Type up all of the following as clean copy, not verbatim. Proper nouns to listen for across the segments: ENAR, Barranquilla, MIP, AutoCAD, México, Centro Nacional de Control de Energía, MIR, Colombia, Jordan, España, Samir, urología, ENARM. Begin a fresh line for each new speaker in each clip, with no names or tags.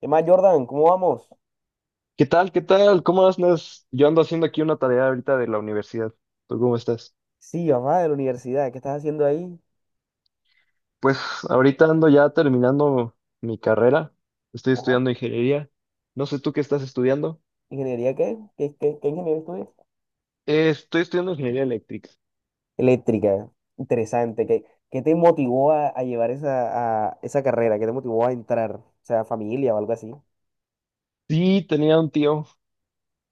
¿Qué más, Jordan? ¿Cómo vamos?
¿Qué tal? ¿Qué tal? ¿Cómo andas? Yo ando haciendo aquí una tarea ahorita de la universidad. ¿Tú cómo estás?
Sí, mamá, de la universidad. ¿Qué estás haciendo ahí?
Pues ahorita ando ya terminando mi carrera. Estoy
Ajá.
estudiando ingeniería. No sé tú qué estás estudiando.
¿Ingeniería qué? ¿Qué ingeniería estudias?
Estoy estudiando ingeniería eléctrica.
Eléctrica. Interesante. ¿Qué te motivó a llevar a esa carrera? ¿Qué te motivó a entrar? O sea, familia o algo así.
Sí, tenía un tío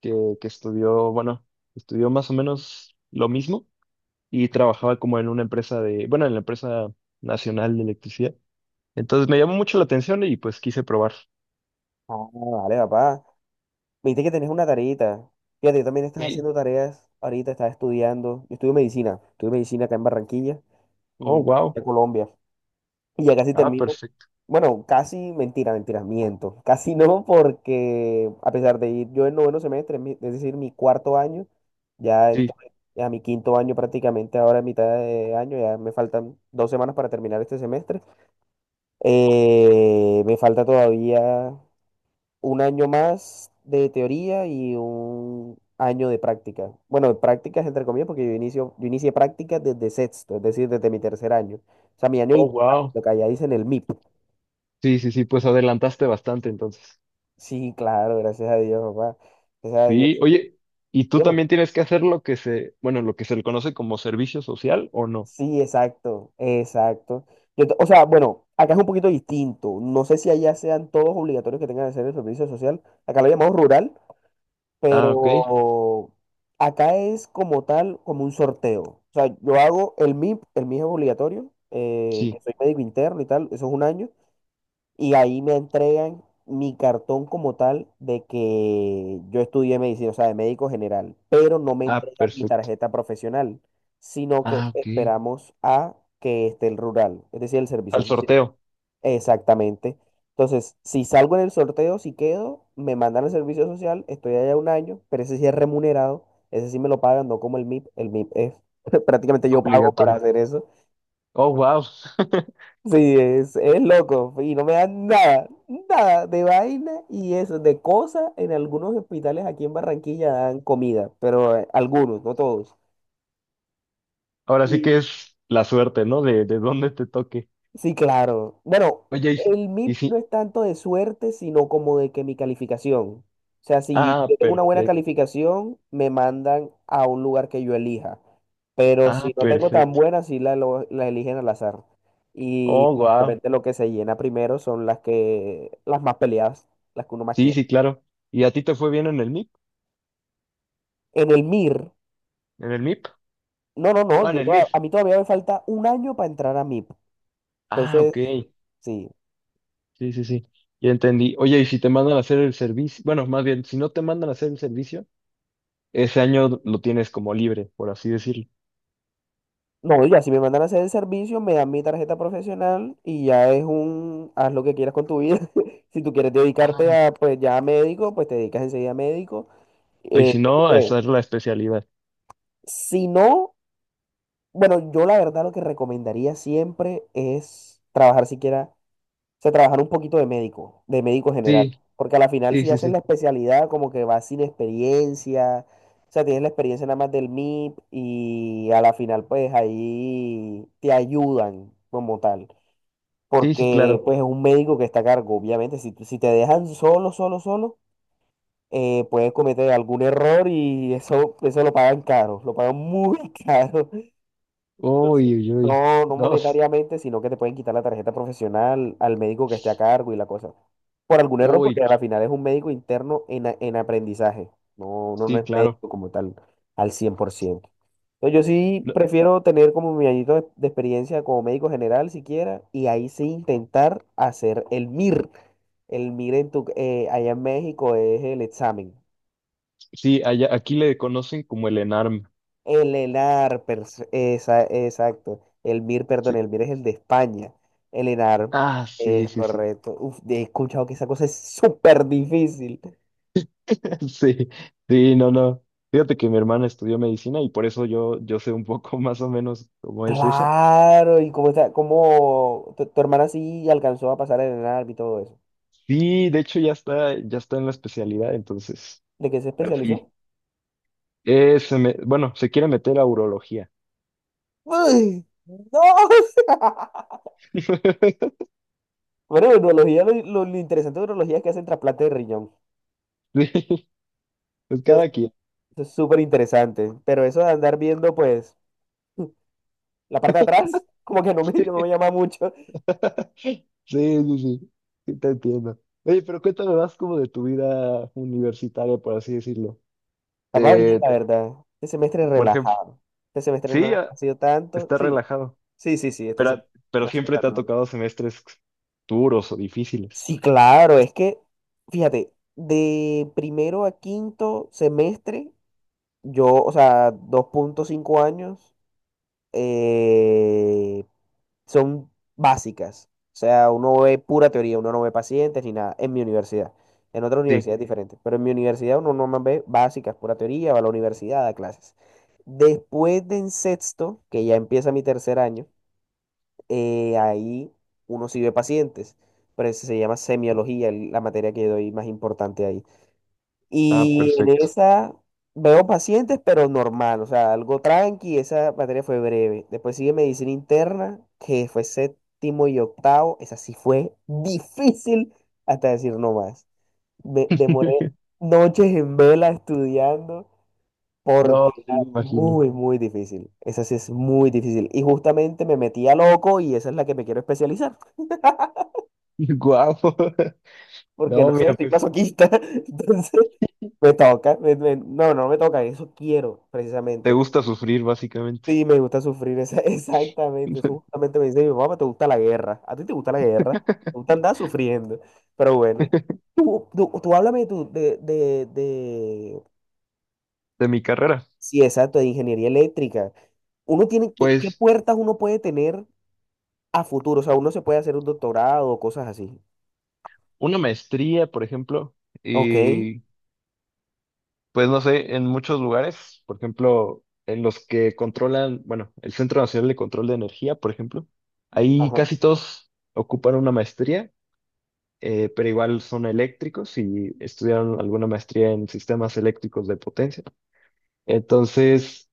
que, que estudió, bueno, estudió más o menos lo mismo y trabajaba como en una empresa de, bueno, en la empresa nacional de electricidad. Entonces me llamó mucho la atención y pues quise probar.
Ah, vale, papá. Viste que tenés una tareita. Fíjate, yo también estás
Sí.
haciendo tareas ahorita, estás estudiando. Yo estudio medicina. Estudio medicina acá en Barranquilla,
Oh,
mm,
wow.
de Colombia. Y ya casi
Ah,
termino.
perfecto.
Bueno, casi, mentira, miento. Casi no, porque a pesar de ir yo en noveno semestre, es decir, mi cuarto año, ya entré
Sí.
a mi quinto año prácticamente ahora en mitad de año, ya me faltan dos semanas para terminar este semestre. Me falta todavía un año más de teoría y un año de práctica. Bueno, de prácticas entre comillas, porque yo inicié prácticas desde sexto, es decir, desde mi tercer año. O sea,
Oh, wow.
lo que allá dicen el MIP.
Sí, sí, sí, pues adelantaste bastante entonces.
Sí, claro, gracias a Dios, papá. Gracias a Dios.
Sí, oye, ¿y tú
Dígame.
también tienes que hacer lo que se le conoce como servicio social o no?
Sí, exacto, exacto. O sea, bueno, acá es un poquito distinto. No sé si allá sean todos obligatorios que tengan que hacer el servicio social. Acá lo llamamos rural,
Ah, ok,
pero acá es como tal, como un sorteo. O sea, yo hago el MIP, el MIP es obligatorio,
sí.
que soy médico interno y tal, eso es un año. Y ahí me entregan mi cartón como tal de que yo estudié medicina, o sea, de médico general, pero no me
Ah,
entregan mi
perfecto.
tarjeta profesional, sino que
Ah, ok.
esperamos a que esté el rural, es decir, el servicio
Al
social.
sorteo,
Exactamente. Entonces, si salgo en el sorteo, si quedo, me mandan al servicio social, estoy allá un año, pero ese sí es remunerado, ese sí me lo pagan, no como el MIP, el MIP es prácticamente yo pago para
obligatorio.
hacer eso.
Oh, wow.
Sí, es loco y no me dan nada, nada de vaina y eso, de cosas. En algunos hospitales aquí en Barranquilla dan comida, pero algunos, no todos.
Ahora sí que es la suerte, ¿no? De dónde te toque.
Sí, claro. Bueno,
Oye,
el
y
MIP no
sí.
es tanto de suerte, sino como de que mi calificación. O sea, si yo
Ah,
tengo una buena
perfecto.
calificación, me mandan a un lugar que yo elija. Pero
Ah,
si no tengo tan
perfecto.
buena, la eligen al azar. Y
Oh, wow.
obviamente lo que se llena primero son las que, las más peleadas, las que uno más
Sí,
quiere.
sí, claro. ¿Y a ti te fue bien en el MIP?
En el MIR,
¿En el MIP?
no, no,
Ah,
no,
en el MIR.
a mí todavía me falta un año para entrar a MIP.
Ah,
Entonces,
ok.
sí.
Sí, sí, sí. Ya entendí. Oye, y si te mandan a hacer el servicio, bueno, más bien, si no te mandan a hacer el servicio, ese año lo tienes como libre, por así decirlo.
No, ya si me mandan a hacer el servicio, me dan mi tarjeta profesional y ya es haz lo que quieras con tu vida. Si tú quieres dedicarte
Ah,
a, pues ya a médico, pues te dedicas enseguida a médico.
y si
¿Qué te
no, a
queda?
esa es la especialidad.
Si no, bueno, yo la verdad lo que recomendaría siempre es trabajar siquiera, o sea, trabajar un poquito de médico general.
Sí,
Porque a la final
sí,
si
sí,
haces la
sí.
especialidad, como que vas sin experiencia, o sea, tienes la experiencia nada más del MIP y a la final pues ahí te ayudan como tal.
Sí, sí,
Porque
claro.
pues es un médico que está a cargo. Obviamente, si te dejan solo, solo, solo, puedes cometer algún error y eso lo pagan caro, lo pagan muy caro. Entonces,
Uy, uy, uy.
no, no
Dos.
monetariamente, sino que te pueden quitar la tarjeta profesional al médico que esté a cargo y la cosa. Por algún error, porque
Uy,
al final es un médico interno en aprendizaje. No, no, no
sí,
es
claro.
médico como tal al 100% no. Yo sí
No,
prefiero tener como mi añito de experiencia como médico general siquiera y ahí sí intentar hacer el MIR. El MIR allá en México es el examen.
sí, allá, aquí le conocen como el ENARM.
El ENAR, exacto. El MIR, perdón,
Sí.
el MIR es el de España. El ENAR
Ah, sí,
es
sí, sí.
correcto. Uf, he escuchado que esa cosa es súper difícil.
Sí, sí, no, no. Fíjate que mi hermana estudió medicina y por eso yo sé un poco más o menos cómo es eso.
Claro, y cómo está, cómo tu hermana sí alcanzó a pasar el ENAR y todo eso.
Sí, de hecho ya está en la especialidad, entonces.
¿De qué se
Pero sí.
especializó?
Se quiere meter a urología.
Uy, no. Bueno, en urología, lo interesante de urología es que hacen trasplante de riñón.
Sí, pues
Eso es,
cada quien.
eso es súper interesante. Pero eso de andar viendo, pues, la parte de atrás, como que
Sí,
no me llama mucho.
sí, sí, sí sí, te entiendo. Oye, pero cuéntame más como de tu vida universitaria, por así decirlo.
Estaba bien,
Te,
la verdad. Este semestre
por ejemplo,
relajado. Este semestre no
sí, ah,
ha sido tanto.
está
Sí,
relajado,
sí, sí, sí, este
pero,
semestre no
pero
ha sido
siempre te ha
tanto.
tocado semestres duros o difíciles.
Sí, claro, es que, fíjate, de primero a quinto semestre, yo, o sea, dos punto cinco años, eh, son básicas. O sea, uno ve pura teoría, uno no ve pacientes ni nada en mi universidad. En otra
Sí.
universidad es diferente, pero en mi universidad uno nomás ve básicas, pura teoría, va a la universidad, da clases. Después de en sexto, que ya empieza mi tercer año, ahí uno sí ve pacientes, pero eso se llama semiología, la materia que doy más importante ahí.
Ah,
Y en
perfecto.
esa veo pacientes, pero normal, o sea, algo tranqui, esa materia fue breve. Después sigue medicina interna, que fue séptimo y octavo, esa sí fue difícil hasta decir no más. Me demoré noches en vela estudiando
No,
porque
sí,
era
me imagino.
muy, muy difícil. Esa sí es muy difícil. Y justamente me metí a loco y esa es la que me quiero especializar.
Guau.
Porque no
No,
sé,
mira,
estoy
pues.
masoquista. Entonces... Me toca, me- me- no, no me toca, eso quiero,
Te
precisamente.
gusta sufrir, básicamente,
Sí, me gusta sufrir, exactamente. Eso justamente me dice mi mamá: "Pues, te gusta la guerra. A ti te gusta la guerra, te gusta andar sufriendo." Pero bueno, tú háblame tú
de mi carrera.
sí, exacto, de ingeniería eléctrica. Uno tiene, ¿qué
Pues
puertas uno puede tener a futuro? O sea, uno se puede hacer un doctorado o cosas así.
una maestría, por ejemplo,
Ok.
y pues no sé, en muchos lugares, por ejemplo, en los que controlan, bueno, el Centro Nacional de Control de Energía, por ejemplo, ahí
Ajá.
casi todos ocupan una maestría, pero igual son eléctricos y estudiaron alguna maestría en sistemas eléctricos de potencia. Entonces...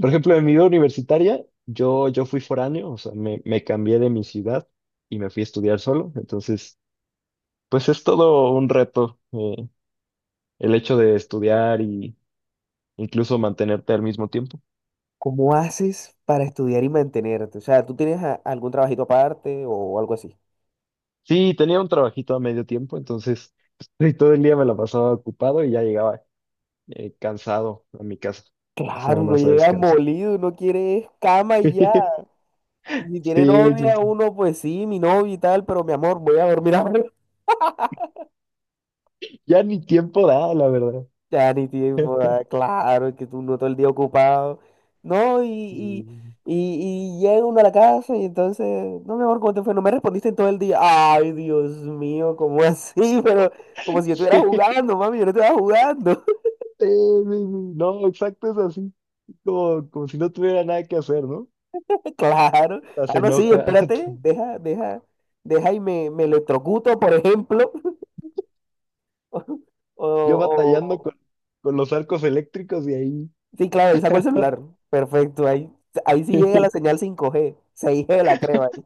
Por ejemplo, en mi vida universitaria, yo fui foráneo, o sea, me cambié de mi ciudad y me fui a estudiar solo. Entonces, pues es todo un reto, el hecho de estudiar y incluso mantenerte al mismo tiempo.
¿Cómo haces para estudiar y mantenerte? O sea, ¿tú tienes algún trabajito aparte o algo así?
Sí, tenía un trabajito a medio tiempo, entonces pues, todo el día me la pasaba ocupado y ya llegaba cansado a mi casa, hasta
Claro,
nada
uno
más a
llega
descansar.
molido, uno quiere es cama y ya. Y si tiene
Sí, sí,
novia,
sí.
uno pues sí, mi novia y tal, pero mi amor, voy a dormir ahora.
Ya ni tiempo da, la verdad.
Ya ni tiempo, ah, claro, que tú no todo el día ocupado. No, y llega uno a la casa y entonces, no, mi amor, ¿cómo te fue? No me respondiste en todo el día. Ay, Dios mío, ¿cómo así? Pero como si
Sí.
yo estuviera jugando, mami, yo no estaba jugando.
Eh, no, exacto, es así. Como, como si no tuviera nada que hacer, ¿no?
Claro.
Hasta se
Ah, no, sí,
enoja.
espérate, deja, deja, deja y me electrocuto, por ejemplo. O,
Yo batallando
o-
con los arcos eléctricos y ahí.
Sí, claro, ahí saco el celular. Perfecto, ahí sí llega la señal 5G 6G la crema ahí.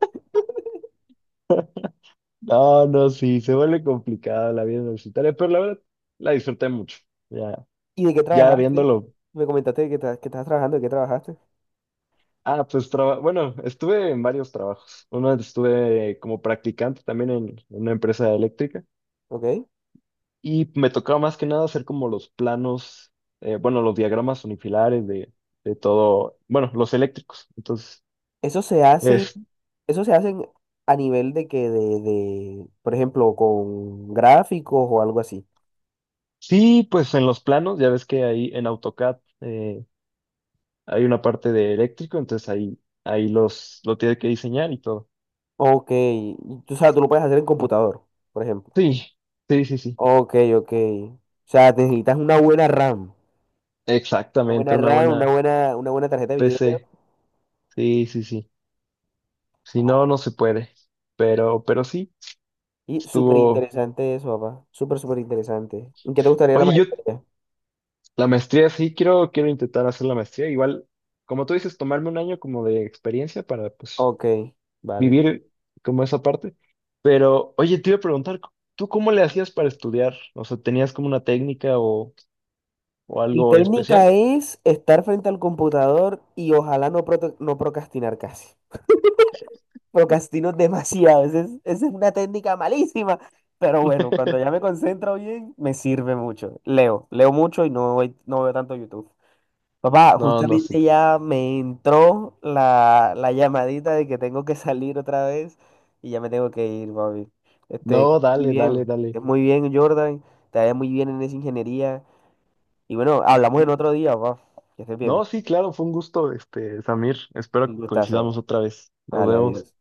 No, no, sí, se vuelve complicada la vida universitaria, pero la verdad la disfruté mucho. Ya,
¿Y de qué
ya
trabajaste?
viéndolo.
Me comentaste de que, que estás trabajando, de qué trabajaste.
Ah, bueno, estuve en varios trabajos. Uno estuve como practicante también en una empresa eléctrica.
¿Ok?
Y me tocaba más que nada hacer como los planos, bueno, los diagramas unifilares de todo, bueno, los eléctricos. Entonces,
Eso se hace,
es,
eso se hacen a nivel de que de, por ejemplo, con gráficos o algo así.
sí, pues en los planos, ya ves que ahí en AutoCAD hay una parte de eléctrico, entonces ahí, ahí los, lo tiene que diseñar y todo.
Ok, y sabes tú lo puedes hacer en computador, por ejemplo.
Sí, sí, sí, sí.
Ok, ok. O sea, necesitas una buena RAM. Una
Exactamente,
buena
una
RAM,
buena
una buena tarjeta de video.
PC. Sí, sí, sí. Si no, no se puede. Pero sí,
Y súper
estuvo.
interesante eso, papá. Súper, súper interesante. ¿En qué te gustaría la
Oye, yo
maestría?
la maestría, sí, quiero, quiero intentar hacer la maestría. Igual, como tú dices, tomarme un año como de experiencia para, pues,
Ok, vale.
vivir como esa parte. Pero, oye, te iba a preguntar, ¿tú cómo le hacías para estudiar? O sea, ¿tenías como una técnica o
Mi
algo
técnica
especial?
es estar frente al computador y ojalá no, no procrastinar casi. Procrastino demasiado. Esa es una técnica malísima. Pero bueno, cuando ya me concentro bien, me sirve mucho. Leo mucho y no, no veo tanto YouTube. Papá,
No, no, sí.
justamente ya me entró la llamadita de que tengo que salir otra vez y ya me tengo que ir, papi. Este, que
No,
estés muy
dale,
bien,
dale,
que
dale.
estés muy bien, Jordan, te vaya muy bien en esa ingeniería. Y bueno, hablamos en
Sí.
otro día, papá. Que estés bien.
No, sí, claro, fue un gusto, este, Samir. Espero
Un
que coincidamos
gustazo.
otra vez. Nos
Vale,
vemos.
adiós.